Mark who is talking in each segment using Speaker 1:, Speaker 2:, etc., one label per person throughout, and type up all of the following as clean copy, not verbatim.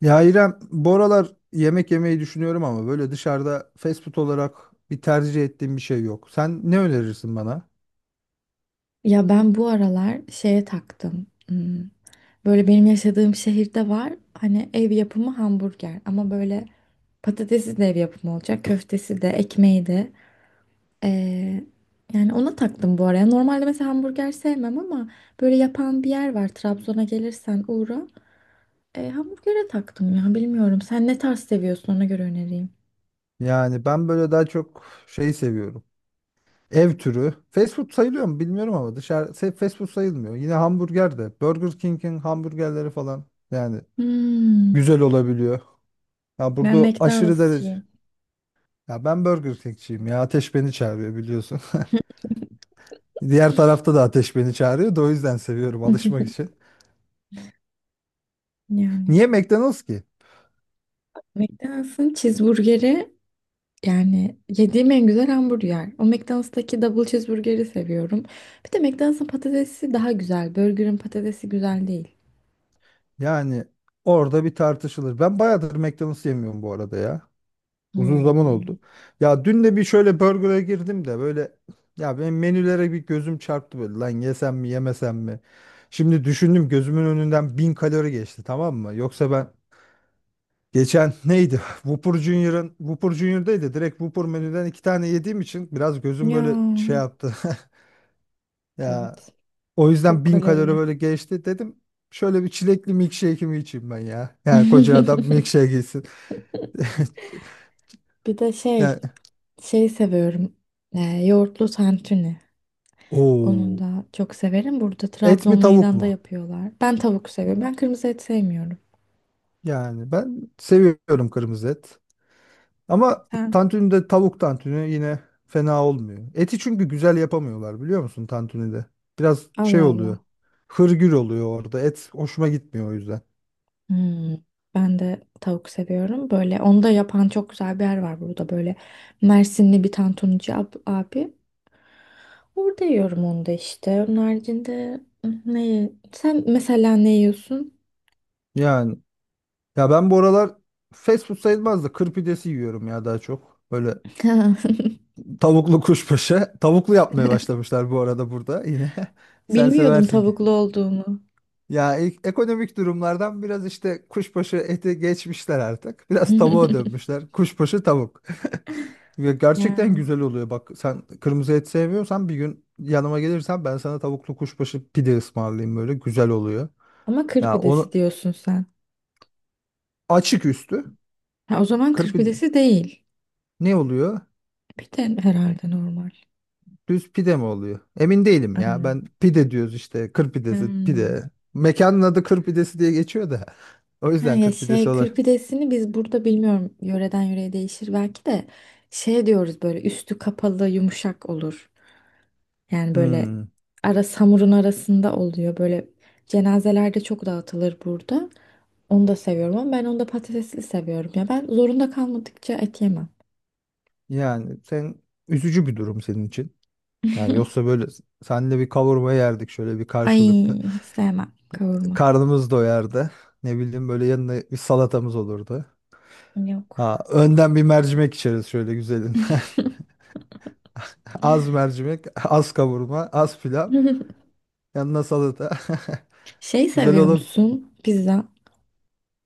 Speaker 1: Ya İrem, bu aralar yemek yemeyi düşünüyorum ama böyle dışarıda fast food olarak bir tercih ettiğim bir şey yok. Sen ne önerirsin bana?
Speaker 2: Ya ben bu aralar şeye taktım. Böyle benim yaşadığım şehirde var. Hani ev yapımı hamburger ama böyle patatesi de ev yapımı olacak. Köftesi de, ekmeği de. Ee, yani ona taktım bu araya. Normalde mesela hamburger sevmem ama böyle yapan bir yer var. Trabzon'a gelirsen uğra. Hamburgere taktım ya bilmiyorum. Sen ne tarz seviyorsun ona göre önereyim.
Speaker 1: Yani ben böyle daha çok şey seviyorum. Ev türü. Fast food sayılıyor mu bilmiyorum ama fast food sayılmıyor. Yine hamburger de. Burger King'in hamburgerleri falan yani
Speaker 2: Hmm,
Speaker 1: güzel olabiliyor. Ya
Speaker 2: ben
Speaker 1: burada aşırı derece.
Speaker 2: McDonald'sçıyım.
Speaker 1: Ya ben Burger King'ciyim ya. Ateş beni çağırıyor biliyorsun. Diğer tarafta da ateş beni çağırıyor da o yüzden seviyorum alışmak için.
Speaker 2: Yani
Speaker 1: Niye McDonald's ki?
Speaker 2: McDonald's'ın cheeseburgeri. Yani yediğim en güzel hamburger. O McDonald's'taki double cheeseburger'i seviyorum. Bir de McDonald's'ın patatesi daha güzel. Burger'ın patatesi güzel değil.
Speaker 1: Yani orada bir tartışılır. Ben bayağıdır McDonald's yemiyorum bu arada ya. Uzun zaman
Speaker 2: Hmm.
Speaker 1: oldu. Ya dün de bir şöyle burger'a girdim de böyle ya benim menülere bir gözüm çarptı böyle lan yesem mi yemesem mi? Şimdi düşündüm gözümün önünden bin kalori geçti, tamam mı? Yoksa ben geçen neydi? Whopper Junior'daydı. Direkt Whopper menüden iki tane yediğim için biraz gözüm
Speaker 2: Ya
Speaker 1: böyle şey yaptı. Ya
Speaker 2: evet.
Speaker 1: o yüzden
Speaker 2: Çok
Speaker 1: bin kalori
Speaker 2: kalorili.
Speaker 1: böyle geçti dedim. Şöyle bir çilekli milkshake'imi içeyim ben ya. Yani koca adam milkshake gitsin.
Speaker 2: Bir de şey,
Speaker 1: Yani
Speaker 2: şey seviyorum. Ee, yoğurtlu tantuni. Onu
Speaker 1: o
Speaker 2: da çok severim. Burada
Speaker 1: et mi
Speaker 2: Trabzon
Speaker 1: tavuk
Speaker 2: meydanda
Speaker 1: mu?
Speaker 2: yapıyorlar. Ben tavuk seviyorum. Ben kırmızı et sevmiyorum.
Speaker 1: Yani ben seviyorum kırmızı et. Ama
Speaker 2: Sen?
Speaker 1: tantunide tavuk tantuni yine fena olmuyor. Eti çünkü güzel yapamıyorlar biliyor musun tantunide? Biraz şey
Speaker 2: Allah
Speaker 1: oluyor.
Speaker 2: Allah.
Speaker 1: Hırgür oluyor orada. Et hoşuma gitmiyor o yüzden.
Speaker 2: Hmm, ben de tavuk seviyorum. Böyle onu da yapan çok güzel bir yer var burada. Böyle Mersinli bir tantuncu abi. Orada yiyorum onu da işte. Onun haricinde ne? Sen mesela ne yiyorsun?
Speaker 1: Yani ya ben bu aralar fast food sayılmaz da kır pidesi yiyorum ya daha çok. Böyle tavuklu kuşbaşı. Tavuklu yapmaya başlamışlar bu arada burada yine. Sen
Speaker 2: Bilmiyordum
Speaker 1: seversin ki.
Speaker 2: tavuklu olduğunu.
Speaker 1: Ya ilk ekonomik durumlardan biraz işte kuşbaşı eti geçmişler artık. Biraz tavuğa dönmüşler. Kuşbaşı tavuk. Ve gerçekten
Speaker 2: Ya.
Speaker 1: güzel oluyor. Bak sen kırmızı et sevmiyorsan bir gün yanıma gelirsen ben sana tavuklu kuşbaşı pide ısmarlayayım böyle. Güzel oluyor.
Speaker 2: Ama kır
Speaker 1: Ya
Speaker 2: pidesi
Speaker 1: onu
Speaker 2: diyorsun sen.
Speaker 1: açık üstü.
Speaker 2: Ha, o zaman
Speaker 1: Kır
Speaker 2: kır
Speaker 1: pide.
Speaker 2: pidesi değil.
Speaker 1: Ne oluyor?
Speaker 2: Pide herhalde normal.
Speaker 1: Düz pide mi oluyor? Emin değilim ya.
Speaker 2: Aynen.
Speaker 1: Ben pide diyoruz işte. Kır pidesi,
Speaker 2: Hmm.
Speaker 1: pide. Mekanın adı kır pidesi diye geçiyor da. O
Speaker 2: Ha,
Speaker 1: yüzden
Speaker 2: ya
Speaker 1: kır pidesi
Speaker 2: şey
Speaker 1: olur.
Speaker 2: kır pidesini biz burada bilmiyorum, yöreden yöreye değişir belki de şey diyoruz, böyle üstü kapalı yumuşak olur. Yani böyle
Speaker 1: Hmm.
Speaker 2: ara hamurun arasında oluyor, böyle cenazelerde çok dağıtılır burada. Onu da seviyorum ama ben onu da patatesli seviyorum ya, ben zorunda kalmadıkça et yemem.
Speaker 1: Yani sen, üzücü bir durum senin için. Yani yoksa böyle seninle bir kavurma yerdik şöyle bir
Speaker 2: Ay,
Speaker 1: karşılıklı.
Speaker 2: hiç sevmem kavurma.
Speaker 1: Karnımız doyardı. Ne bileyim böyle yanına bir salatamız olurdu.
Speaker 2: Yok.
Speaker 1: Ha, önden bir mercimek içeriz şöyle güzelin. Az mercimek, az kavurma, az pilav. Yanına salata.
Speaker 2: Şey
Speaker 1: Güzel
Speaker 2: seviyor
Speaker 1: olur.
Speaker 2: musun? Pizza.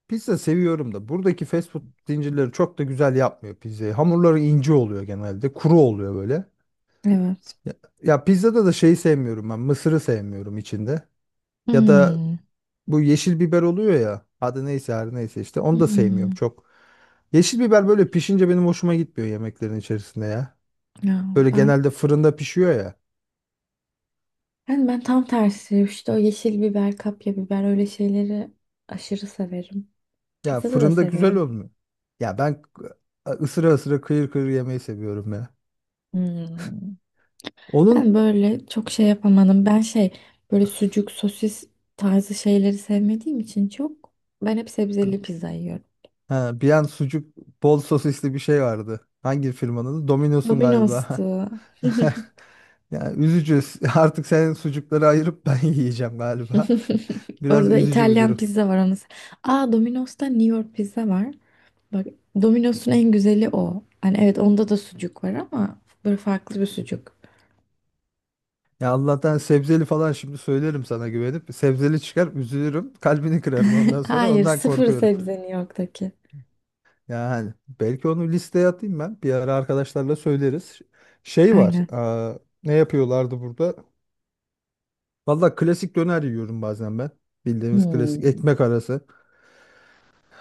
Speaker 1: Pizza seviyorum da buradaki fast food zincirleri çok da güzel yapmıyor pizzayı. Hamurları ince oluyor genelde. Kuru oluyor böyle.
Speaker 2: Evet.
Speaker 1: Ya, ya pizzada da şeyi sevmiyorum ben. Mısırı sevmiyorum içinde. Ya da
Speaker 2: Hmm.
Speaker 1: bu yeşil biber oluyor ya. Adı neyse her neyse işte. Onu da sevmiyorum
Speaker 2: Hmm.
Speaker 1: çok. Yeşil biber böyle pişince benim hoşuma gitmiyor yemeklerin içerisinde ya.
Speaker 2: Ya
Speaker 1: Böyle
Speaker 2: ben
Speaker 1: genelde fırında pişiyor ya.
Speaker 2: Yani ben tam tersi işte, o yeşil biber, kapya biber öyle şeyleri aşırı severim.
Speaker 1: Ya
Speaker 2: Pizzada da
Speaker 1: fırında güzel
Speaker 2: severim.
Speaker 1: olmuyor. Ya ben ısıra ısıra kıyır kıyır yemeyi seviyorum ya.
Speaker 2: Hmm. Ben
Speaker 1: Onun
Speaker 2: böyle çok şey yapamadım. Ben şey böyle sucuk, sosis tarzı şeyleri sevmediğim için çok, ben hep sebzeli pizza yiyorum.
Speaker 1: Ha, bir an sucuk bol sosisli bir şey vardı. Hangi firmanın adı? Domino's'un
Speaker 2: Domino's'tu.
Speaker 1: galiba. Ya üzücü. Artık senin sucukları ayırıp ben yiyeceğim galiba. Biraz
Speaker 2: Orada
Speaker 1: üzücü bir
Speaker 2: İtalyan
Speaker 1: durum.
Speaker 2: pizza var onu. Aa, Domino's'ta New York pizza var. Bak, Domino's'un en güzeli o. Hani evet, onda da sucuk var ama böyle farklı bir sucuk.
Speaker 1: Ya Allah'tan sebzeli falan şimdi söylerim sana güvenip. Sebzeli çıkar üzülürüm. Kalbini kırarım ondan sonra.
Speaker 2: Hayır,
Speaker 1: Ondan
Speaker 2: sıfır
Speaker 1: korkuyorum.
Speaker 2: sebzeni yoktaki.
Speaker 1: Yani belki onu listeye atayım ben. Bir ara arkadaşlarla söyleriz. Şey var.
Speaker 2: Aynen.
Speaker 1: Ne yapıyorlardı burada? Valla klasik döner yiyorum bazen ben. Bildiğimiz klasik
Speaker 2: Hmm.
Speaker 1: ekmek arası.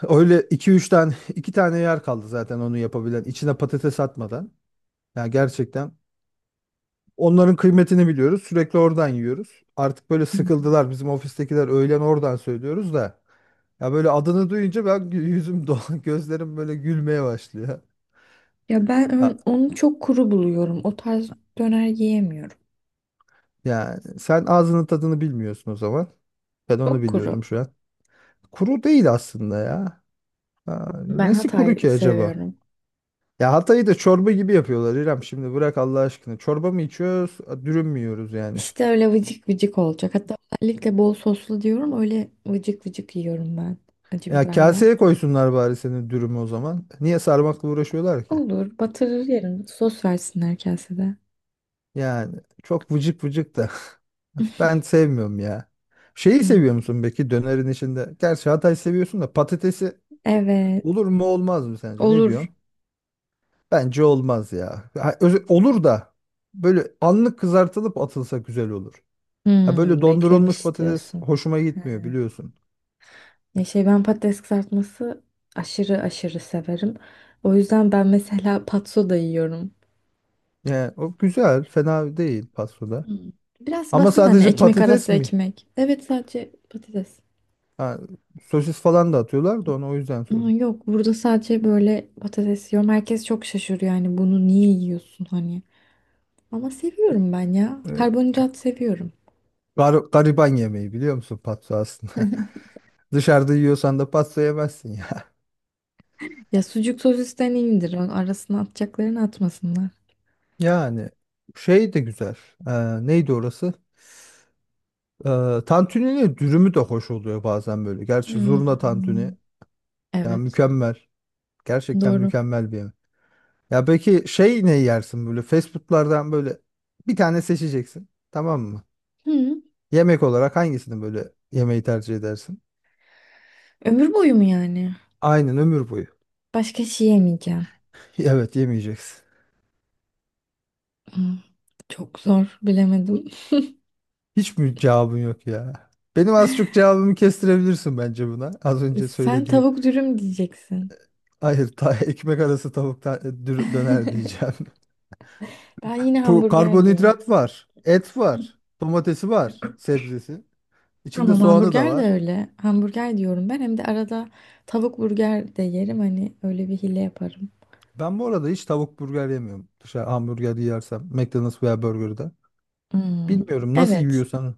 Speaker 1: Öyle iki, 3 tane, 2 tane yer kaldı zaten onu yapabilen. İçine patates atmadan. Yani gerçekten onların kıymetini biliyoruz. Sürekli oradan yiyoruz. Artık böyle sıkıldılar bizim ofistekiler, öğlen oradan söylüyoruz da. Ya böyle adını duyunca ben yüzüm dolan, gözlerim böyle gülmeye başlıyor.
Speaker 2: Ya ben
Speaker 1: Ya,
Speaker 2: onu çok kuru buluyorum. O tarz döner yiyemiyorum.
Speaker 1: yani sen ağzının tadını bilmiyorsun o zaman. Ben onu
Speaker 2: Çok kuru.
Speaker 1: biliyorum şu an. Kuru değil aslında ya. Ha,
Speaker 2: Ben
Speaker 1: nesi kuru
Speaker 2: Hatay
Speaker 1: ki acaba?
Speaker 2: seviyorum.
Speaker 1: Ya Hatay'ı da çorba gibi yapıyorlar İrem. Şimdi bırak Allah aşkına. Çorba mı içiyoruz, dürüm mü yiyoruz yani?
Speaker 2: İşte öyle vıcık vıcık olacak. Hatta özellikle bol soslu diyorum. Öyle vıcık vıcık yiyorum ben. Acı
Speaker 1: Ya
Speaker 2: biberle.
Speaker 1: kaseye koysunlar bari senin dürümü o zaman. Niye sarmakla uğraşıyorlar ki?
Speaker 2: Olur. Batırır yerim. Sos versinler kasede.
Speaker 1: Yani çok vıcık vıcık da. Ben sevmiyorum ya. Şeyi
Speaker 2: Hmm.
Speaker 1: seviyor musun peki dönerin içinde? Gerçi Hatay seviyorsun da, patatesi
Speaker 2: Evet.
Speaker 1: olur mu olmaz mı sence? Ne diyorsun?
Speaker 2: Olur.
Speaker 1: Bence olmaz ya. Ha, olur da böyle anlık kızartılıp atılsa güzel olur. Ha böyle dondurulmuş
Speaker 2: Beklemiş
Speaker 1: patates
Speaker 2: diyorsun.
Speaker 1: hoşuma
Speaker 2: He.
Speaker 1: gitmiyor biliyorsun.
Speaker 2: Ya şey, ben patates kızartması aşırı aşırı severim. O yüzden ben mesela patso da yiyorum.
Speaker 1: Yani o güzel, fena değil pastoda.
Speaker 2: Hmm. Biraz
Speaker 1: Ama
Speaker 2: basit, hani
Speaker 1: sadece
Speaker 2: ekmek
Speaker 1: patates
Speaker 2: arası
Speaker 1: mi?
Speaker 2: ekmek. Evet, sadece patates.
Speaker 1: Ha, sosis falan da atıyorlar da onu o yüzden
Speaker 2: Ama
Speaker 1: sordum.
Speaker 2: yok, burada sadece böyle patates yiyorum. Herkes çok şaşırıyor yani, bunu niye yiyorsun hani. Ama
Speaker 1: E,
Speaker 2: seviyorum ben ya.
Speaker 1: e,
Speaker 2: Karbonhidrat seviyorum.
Speaker 1: gariban yemeği biliyor musun patso aslında? Dışarıda yiyorsan da patso yemezsin ya.
Speaker 2: Ya sucuk sosisten iyidir. O, arasına atacaklarını atmasınlar.
Speaker 1: Yani şey de güzel. E, neydi orası? E, tantuninin dürümü de hoş oluyor bazen böyle. Gerçi zurna
Speaker 2: Hmm,
Speaker 1: tantuni yani
Speaker 2: Evet
Speaker 1: mükemmel. Gerçekten
Speaker 2: doğru.
Speaker 1: mükemmel bir yemek. Ya peki şey ne yersin böyle fast foodlardan, böyle bir tane seçeceksin. Tamam mı?
Speaker 2: Hı.
Speaker 1: Yemek olarak hangisini böyle yemeği tercih edersin?
Speaker 2: Ömür boyu mu yani?
Speaker 1: Aynen, ömür boyu.
Speaker 2: Başka şey yemeyeceğim.
Speaker 1: Evet yemeyeceksin.
Speaker 2: Hmm, Çok zor, bilemedim.
Speaker 1: Hiç mi cevabın yok ya? Benim az çok cevabımı kestirebilirsin bence buna. Az önce
Speaker 2: Sen
Speaker 1: söylediğim.
Speaker 2: tavuk dürüm diyeceksin.
Speaker 1: Hayır, ta ekmek arası tavuk döner diyeceğim.
Speaker 2: Ben yine
Speaker 1: Bu
Speaker 2: hamburger diyeyim.
Speaker 1: karbonhidrat var, et var, domatesi var, sebzesi. İçinde
Speaker 2: Tamam,
Speaker 1: soğanı da
Speaker 2: hamburger de
Speaker 1: var.
Speaker 2: öyle. Hamburger diyorum ben. Hem de arada tavuk burger de yerim. Hani öyle bir hile yaparım.
Speaker 1: Ben bu arada hiç tavuk burger yemiyorum. Dışarı hamburger yersem, McDonald's veya burgerda.
Speaker 2: Hmm,
Speaker 1: Bilmiyorum nasıl
Speaker 2: Evet.
Speaker 1: yiyorsan.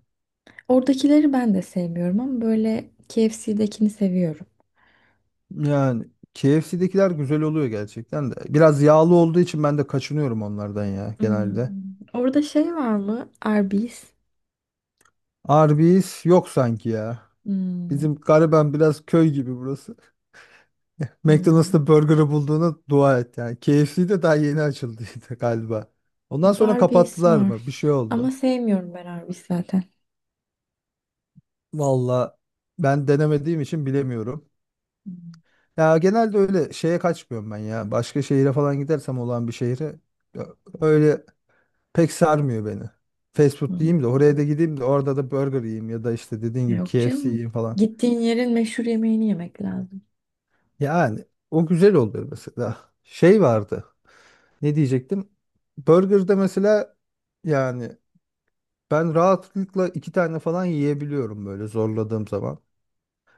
Speaker 2: Oradakileri ben de sevmiyorum ama böyle KFC'dekini seviyorum.
Speaker 1: Yani KFC'dekiler güzel oluyor gerçekten de. Biraz yağlı olduğu için ben de kaçınıyorum onlardan ya genelde.
Speaker 2: Hmm, Orada şey var mı? Arby's.
Speaker 1: Arby's yok sanki ya.
Speaker 2: Hmm,
Speaker 1: Bizim gariben biraz köy gibi burası.
Speaker 2: hmm,
Speaker 1: McDonald's'ta burger'ı bulduğuna dua et yani. KFC'de daha yeni açıldıydı galiba. Ondan
Speaker 2: Burada
Speaker 1: sonra
Speaker 2: Arby's
Speaker 1: kapattılar
Speaker 2: var.
Speaker 1: mı? Bir şey
Speaker 2: Ama
Speaker 1: oldu.
Speaker 2: sevmiyorum ben Arby's zaten.
Speaker 1: Valla ben denemediğim için bilemiyorum. Ya genelde öyle şeye kaçmıyorum ben ya. Başka şehire falan gidersem, olan bir şehre ö- öyle pek sarmıyor beni. Fast food
Speaker 2: Hmm.
Speaker 1: yiyeyim de oraya da gideyim de orada da burger yiyeyim ya da işte dediğin gibi
Speaker 2: Yok
Speaker 1: KFC
Speaker 2: canım.
Speaker 1: yiyeyim falan.
Speaker 2: Gittiğin yerin meşhur yemeğini yemek lazım.
Speaker 1: Yani o güzel oluyor mesela. Şey vardı. Ne diyecektim? Burger'da mesela yani ben rahatlıkla iki tane falan yiyebiliyorum böyle zorladığım zaman.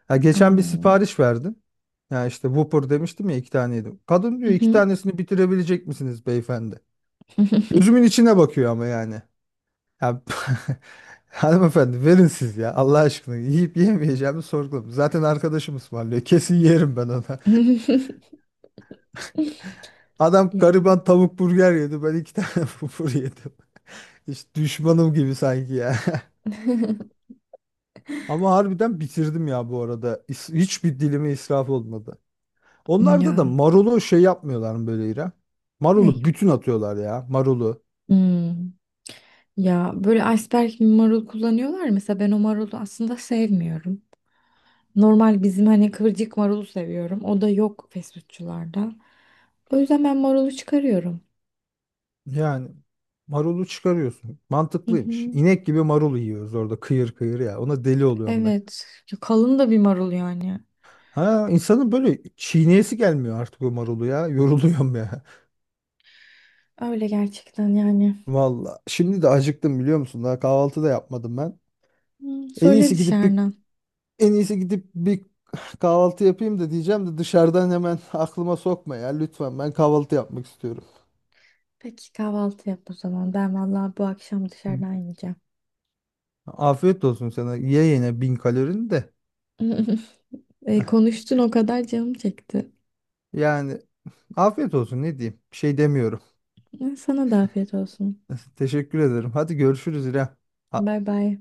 Speaker 1: Ya geçen bir
Speaker 2: Aa.
Speaker 1: sipariş verdim. Ya işte Whopper demiştim ya, iki tane yedim. Kadın
Speaker 2: Hı
Speaker 1: diyor, iki
Speaker 2: hı.
Speaker 1: tanesini bitirebilecek misiniz beyefendi? Gözümün içine bakıyor ama yani. Ya, hanımefendi verin siz ya Allah aşkına, yiyip yemeyeceğimi sorguladım. Zaten arkadaşım ısmarlıyor, kesin yerim ben ona. Adam
Speaker 2: Ya.
Speaker 1: gariban tavuk burger yedi, ben iki tane fufur yedim. Hiç düşmanım gibi sanki ya. Ama harbiden bitirdim ya bu arada. Hiçbir dilimi israf olmadı. Onlarda da
Speaker 2: Ya.
Speaker 1: marulu şey yapmıyorlar mı böyle İrem?
Speaker 2: Ne?
Speaker 1: Marulu bütün atıyorlar ya marulu.
Speaker 2: Hmm. Ya böyle iceberg marul kullanıyorlar. Mesela ben o marulu aslında sevmiyorum. Normal bizim hani kıvırcık marulu seviyorum. O da yok fast. O yüzden ben marulu çıkarıyorum.
Speaker 1: Yani marulu çıkarıyorsun.
Speaker 2: Hı
Speaker 1: Mantıklıymış.
Speaker 2: hı.
Speaker 1: İnek gibi marulu yiyoruz orada kıyır kıyır ya. Ona deli oluyorum ben.
Speaker 2: Evet. Ya kalın da bir marul yani.
Speaker 1: Ha, insanın böyle çiğneyesi gelmiyor artık o marulu ya. Yoruluyorum ya.
Speaker 2: Öyle gerçekten yani.
Speaker 1: Valla. Şimdi de acıktım biliyor musun? Daha kahvaltı da yapmadım ben.
Speaker 2: Hı,
Speaker 1: En
Speaker 2: söyle
Speaker 1: iyisi gidip bir
Speaker 2: dışarıdan.
Speaker 1: en iyisi gidip bir kahvaltı yapayım da diyeceğim de dışarıdan hemen aklıma sokma ya lütfen. Ben kahvaltı yapmak istiyorum.
Speaker 2: Peki kahvaltı yap o zaman. Ben vallahi bu akşam dışarıdan yiyeceğim.
Speaker 1: Afiyet olsun sana. Ye yine bin kalorini de.
Speaker 2: E, konuştun o kadar canım çekti.
Speaker 1: Yani afiyet olsun ne diyeyim. Bir şey demiyorum.
Speaker 2: E, sana da afiyet olsun.
Speaker 1: Teşekkür ederim. Hadi görüşürüz İrem. Ha-
Speaker 2: Bay bay.